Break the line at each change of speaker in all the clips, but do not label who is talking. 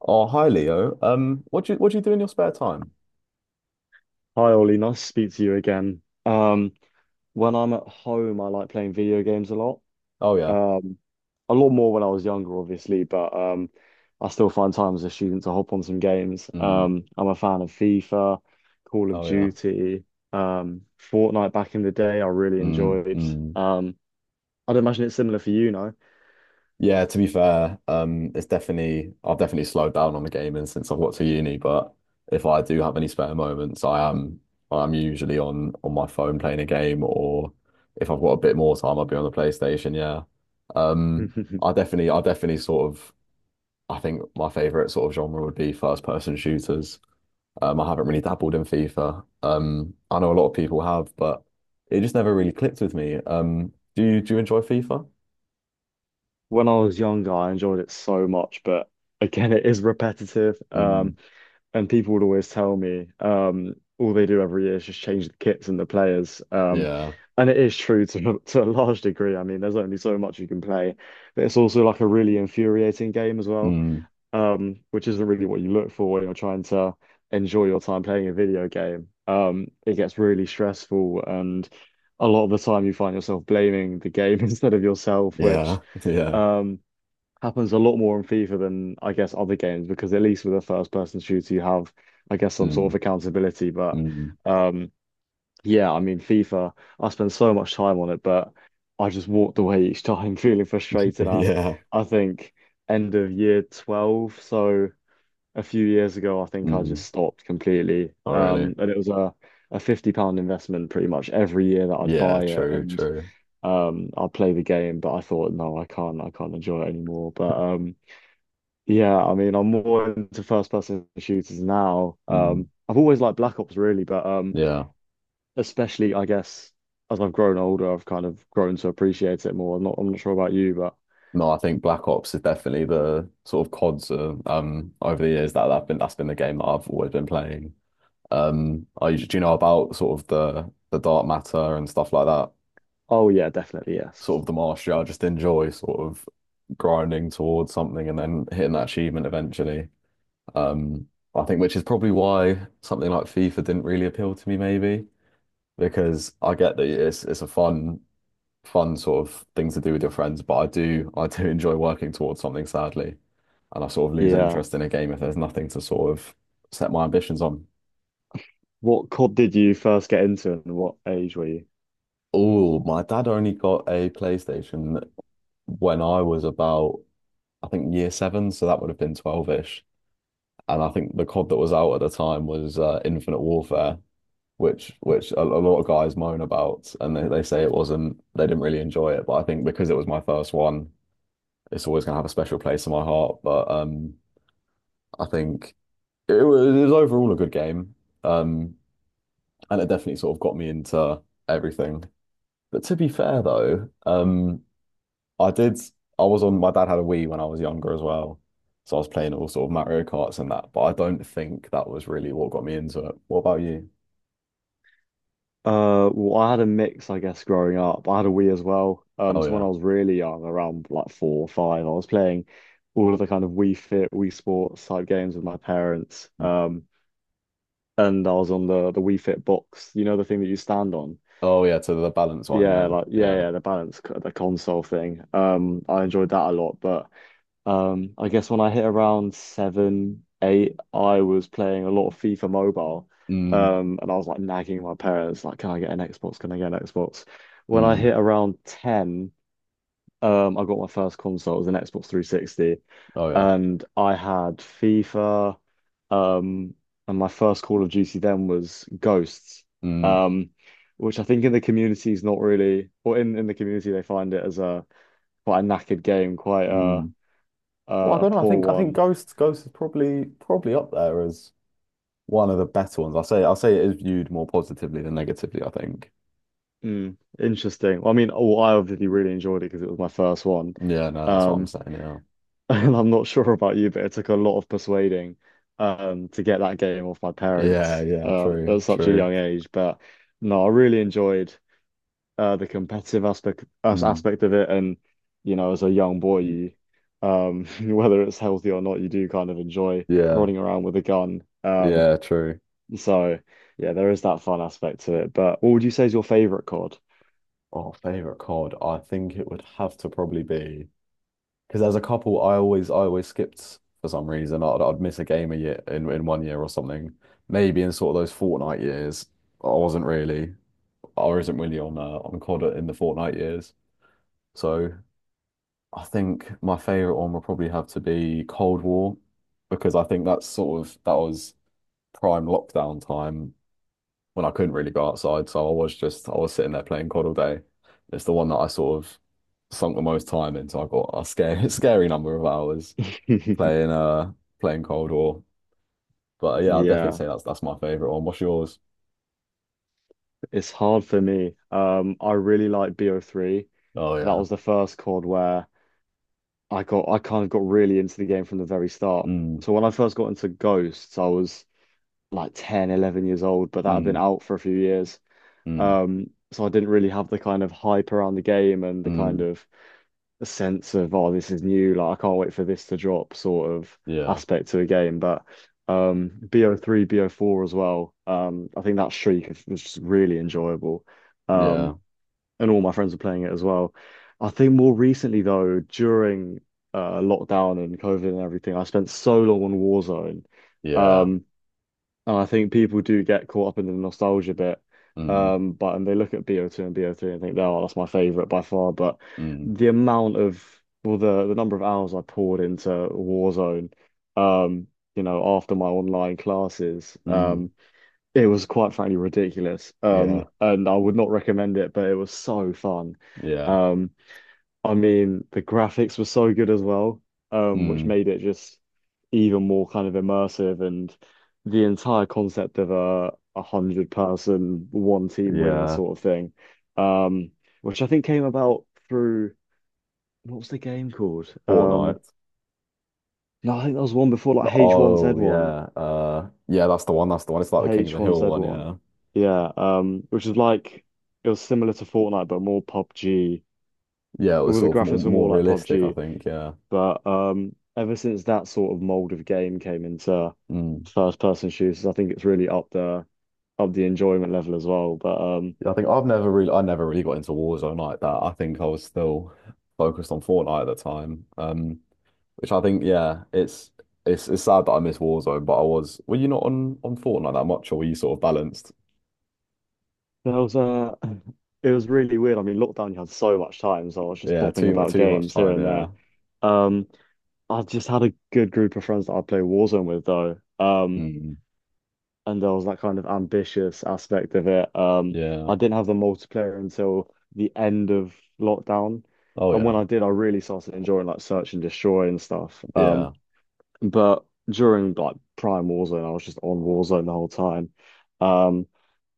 Oh, hi Leo. What do you do in your spare time?
Hi Ollie, nice to speak to you again. When I'm at home, I like playing video games a lot.
Oh yeah.
Um, a lot more when I was younger, obviously, but I still find time as a student to hop on some games.
Mm.
I'm a fan of FIFA, Call of
Oh yeah.
Duty, um, Fortnite back in the day, I really
Mm.
enjoyed.
Mm.
Um, I'd imagine it's similar for you, no?
Yeah, to be fair, it's definitely I've definitely slowed down on the gaming since I've got to uni, but if I do have any spare moments, I'm usually on my phone playing a game, or if I've got a bit more time, I'll be on the PlayStation, yeah. Um, I definitely I definitely sort of I think my favorite sort of genre would be first person shooters. I haven't really dabbled in FIFA. I know a lot of people have, but it just never really clicked with me. Do you enjoy FIFA?
When I was younger, I enjoyed it so much, but again, it is repetitive.
Mm,
And people would always tell me all they do every year is just change the kits and the players.
yeah.
And it is true to to a large degree. I mean, there's only so much you can play, but it's also like a really infuriating game as well,
Mm,
which isn't really what you look for when you're trying to enjoy your time playing a video game. It gets really stressful, and a lot of the time you find yourself blaming the game instead of yourself, which
yeah. Yeah.
um, happens a lot more in FIFA than I guess other games because at least with a first person shooter you have I guess some sort
Mm,
of accountability. But
mm,
um yeah, I mean FIFA, I spend so much time on it, but I just walked away each time feeling frustrated. I
yeah.
I think end of year 12, so a few years ago I think I just
Mm.
stopped completely.
Oh, really?
And it was a £50 investment pretty much every year that I'd
Yeah.
buy it.
True.
And
True.
I'd play the game, but I thought, no, I can't enjoy it anymore. But yeah, I mean, I'm more into first person shooters now.
Mm,
I've always liked Black Ops really, but
yeah.
especially I guess as I've grown older, I've kind of grown to appreciate it more. I'm not sure about you, but
No, I think Black Ops is definitely the sort of CODs over the years that I've been that's been the game that I've always been playing. I do you know about sort of the dark matter and stuff like that?
oh yeah, definitely yes.
Sort of the martial I just enjoy sort of grinding towards something and then hitting that achievement eventually. Um, I think, which is probably why something like FIFA didn't really appeal to me, maybe because I get that it's a fun sort of thing to do with your friends, but I do I do enjoy working towards something, sadly, and I sort of lose
Yeah.
interest in a game if there's nothing to sort of set my ambitions on.
What COD did you first get into, and what age were you?
Oh, my dad only got a PlayStation when I was about, I think, year seven, so that would have been 12-ish. And I think the COD that was out at the time was Infinite Warfare, which a lot of guys moan about, and they say it wasn't they didn't really enjoy it. But I think because it was my first one, it's always gonna have a special place in my heart. But I think it was overall a good game, um, and it definitely sort of got me into everything. But to be fair though, I did. I was on. My dad had a Wii when I was younger as well, so I was playing all sort of Mario Karts and that. But I don't think that was really what got me into it. What about you?
Well, I had a mix, I guess, growing up. I had a Wii as well.
Oh
So when
yeah.
I was really young, around like four or five, I was playing all of the kind of Wii Fit, Wii Sports type games with my parents. And I was on the Wii Fit box, you know, the thing that you stand on.
Oh yeah. To the balance one.
Yeah,
Yeah.
like yeah,
Yeah.
yeah, the balance, the console thing. I enjoyed that a lot, but I guess when I hit around seven, eight, I was playing a lot of FIFA Mobile.
Mm.
And I was like nagging my parents, like, can I get an Xbox? Can I get an Xbox? When I
Mm.
hit around 10, I got my first console. It was an Xbox 360.
Oh yeah.
And I had FIFA. Um, and my first Call of Duty then was Ghosts.
Mm.
Um, which I think in the community is not really, or in the community they find it as a quite a knackered game, quite
Mm.
a,
Well, I
a
don't know. I
poor
think I think
one.
Ghost is probably up there as one of the better ones. I say it is viewed more positively than negatively, I think.
Mm, interesting. Well, I mean, oh, I obviously really enjoyed it because it was my first one.
Yeah. No, that's what I'm
Um,
saying. Yeah.
and I'm not sure about you, but it took a lot of persuading to get that game off my
Yeah.
parents
Yeah. True.
at such a
True.
young age. But no, I really enjoyed the competitive aspect
Mm.
aspect of it. And you know, as a young boy, whether it's healthy or not, you do kind of enjoy
Yeah.
running around with a gun.
Yeah. True.
So yeah, there is that fun aspect to it. But what would you say is your favorite COD?
Oh, favorite COD. I think it would have to probably be, because there's a couple I always skipped for some reason. I'd miss a game a year in one year or something. Maybe in sort of those Fortnite years, I wasn't really I wasn't really on COD in the Fortnite years. So I think my favorite one would probably have to be Cold War, because I think that's sort of that was prime lockdown time when I couldn't really go outside. So I was sitting there playing COD all day. It's the one that I sort of sunk the most time into. I got a scary scary number of hours playing playing Cold War. But yeah, I'd definitely
Yeah.
say that's my favorite one. What's yours?
It's hard for me. I really like BO3.
Oh
That
yeah.
was the first COD where I kind of got really into the game from the very start.
Mm,
So when I first got into Ghosts, I was like 10, 11 years old, but that had been
mm,
out for a few years.
mm,
So I didn't really have the kind of hype around the game and the kind
mm.
of the sense of, oh, this is new, like I can't wait for this to drop sort of
Yeah.
aspect to a game. But BO3, BO4 as well. I think that streak was just really enjoyable. Um,
Yeah.
and all my friends were playing it as well. I think more recently though, during lockdown and COVID and everything, I spent so long on Warzone.
Yeah.
Um, and I think people do get caught up in the nostalgia bit.
Mm,
But and they look at BO2 and BO3 and think, oh, that's my favorite by far. But
mm,
the amount of well, the number of hours I poured into Warzone, um, you know, after my online classes,
mm.
it was quite frankly ridiculous.
Yeah.
And I would not recommend it, but it was so fun.
Yeah.
Um, I mean, the graphics were so good as well, which
Mm.
made it just even more kind of immersive. And the entire concept of a hundred person, one team win
Yeah.
sort of thing, um, which I think came about through what was the game called?
Fortnite.
No, I think that was one before like
Oh
H1Z1.
yeah. Yeah, that's the one. That's the one. It's like the King of the Hill one,
H1Z1.
yeah.
Yeah, which is like it was similar to Fortnite but more PUBG.
Yeah, it was
All the
sort of
graphics were
more
more like
realistic, I
PUBG.
think. Yeah.
But ever since that sort of mold of game came into
Mm.
first person shooters, I think it's really up the enjoyment level as well. But
I think I never really got into Warzone like that. I think I was still focused on Fortnite at the time. Which I think, yeah, it's it's sad that I miss Warzone, but I was, were you not on Fortnite that much or were you sort of balanced?
there was it was really weird. I mean lockdown you had so much time, so I was just
Yeah,
bopping about
too much
games here
time,
and there.
yeah.
Um I just had a good group of friends that I play Warzone with though.
Mm.
And there was that kind of ambitious aspect of it.
Yeah.
I didn't have the multiplayer until the end of lockdown,
Oh
and when
yeah.
I did, I really started enjoying like Search and Destroy and stuff.
Yeah.
But during like Prime Warzone, I was just on Warzone the whole time, um,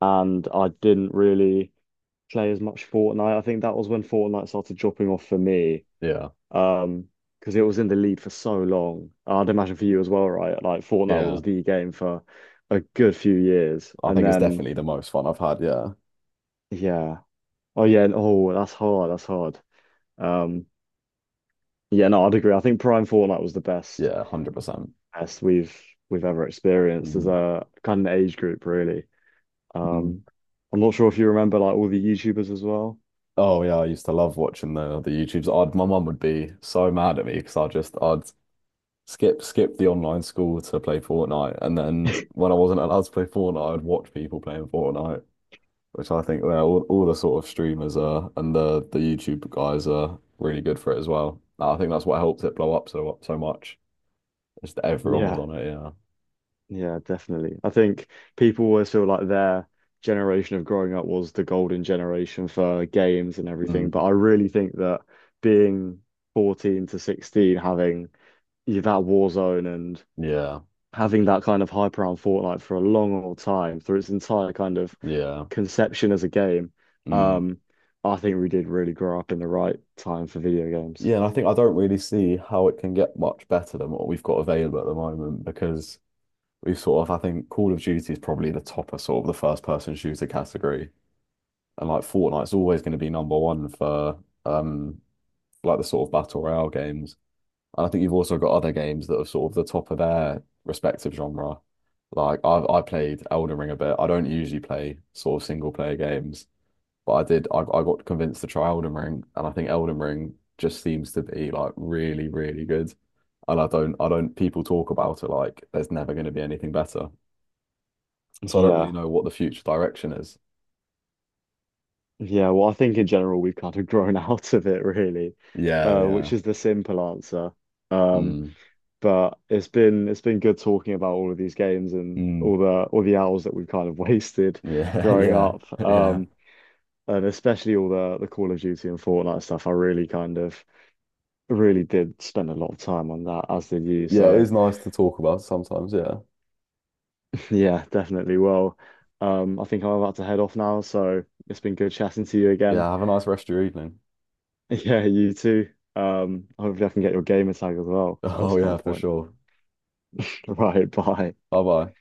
and I didn't really play as much Fortnite. I think that was when Fortnite started dropping off for me.
Yeah.
Um, because it was in the lead for so long. I'd imagine for you as well, right? Like Fortnite
Yeah.
was the game for a good few years.
I
And
think it's
then
definitely the most fun I've had, yeah.
yeah. Oh yeah, and oh that's hard, that's hard. Um yeah, no, I'd agree. I think Prime Fortnite was the best
Yeah, 100%.
best we've ever experienced as
Mm.
a kind of age group, really.
Mm.
Um I'm not sure if you remember like all the YouTubers as well.
Oh yeah, I used to love watching the YouTubes. My mum would be so mad at me because I just I'd skip the online school to play Fortnite, and then when I wasn't allowed to play Fortnite, I'd watch people playing Fortnite, which I think, well, all the sort of streamers are, and the YouTube guys are really good for it as well. Nah, I think that's what helped it blow up so much. Is that everyone was
Yeah.
on it? Yeah.
Yeah, definitely. I think people always feel like their generation of growing up was the golden generation for games and everything.
Mm.
But I really think that being 14 to 16, having yeah, that Warzone and
Yeah.
having that kind of hype around Fortnite for a long, long time through its entire kind of
Yeah.
conception as a game,
Mm.
um, I think we did really grow up in the right time for video games.
Yeah, and I think I don't really see how it can get much better than what we've got available at the moment, because we sort of, I think Call of Duty is probably the top of sort of the first person shooter category. And like Fortnite's always going to be number one for um like the sort of battle royale games. And I think you've also got other games that are sort of the top of their respective genre. Like I played Elden Ring a bit. I don't usually play sort of single player games, but I got convinced to try Elden Ring, and I think Elden Ring just seems to be like really, really good. And I don't, people talk about it like there's never going to be anything better, so I don't really
Yeah.
know what the future direction is.
Yeah, well, I think in general we've kind of grown out of it really,
Yeah, yeah.
which is the simple answer. Um,
Mm,
but it's been good talking about all of these games and all
mm,
the all the hours that we've kind of wasted
yeah,
growing
yeah,
up,
yeah.
and especially all the Call of Duty and Fortnite stuff. I really kind of really did spend a lot of time on that, as did you.
Yeah, it
So
is nice to talk about sometimes, yeah.
yeah, definitely. Well, I think I'm about to head off now, so it's been good chatting to you again.
Yeah, have a nice rest of your evening.
Yeah, you too. Hopefully I can get your gamer tag as well at
Oh yeah,
some
for
point.
sure.
Right, bye.
Bye bye.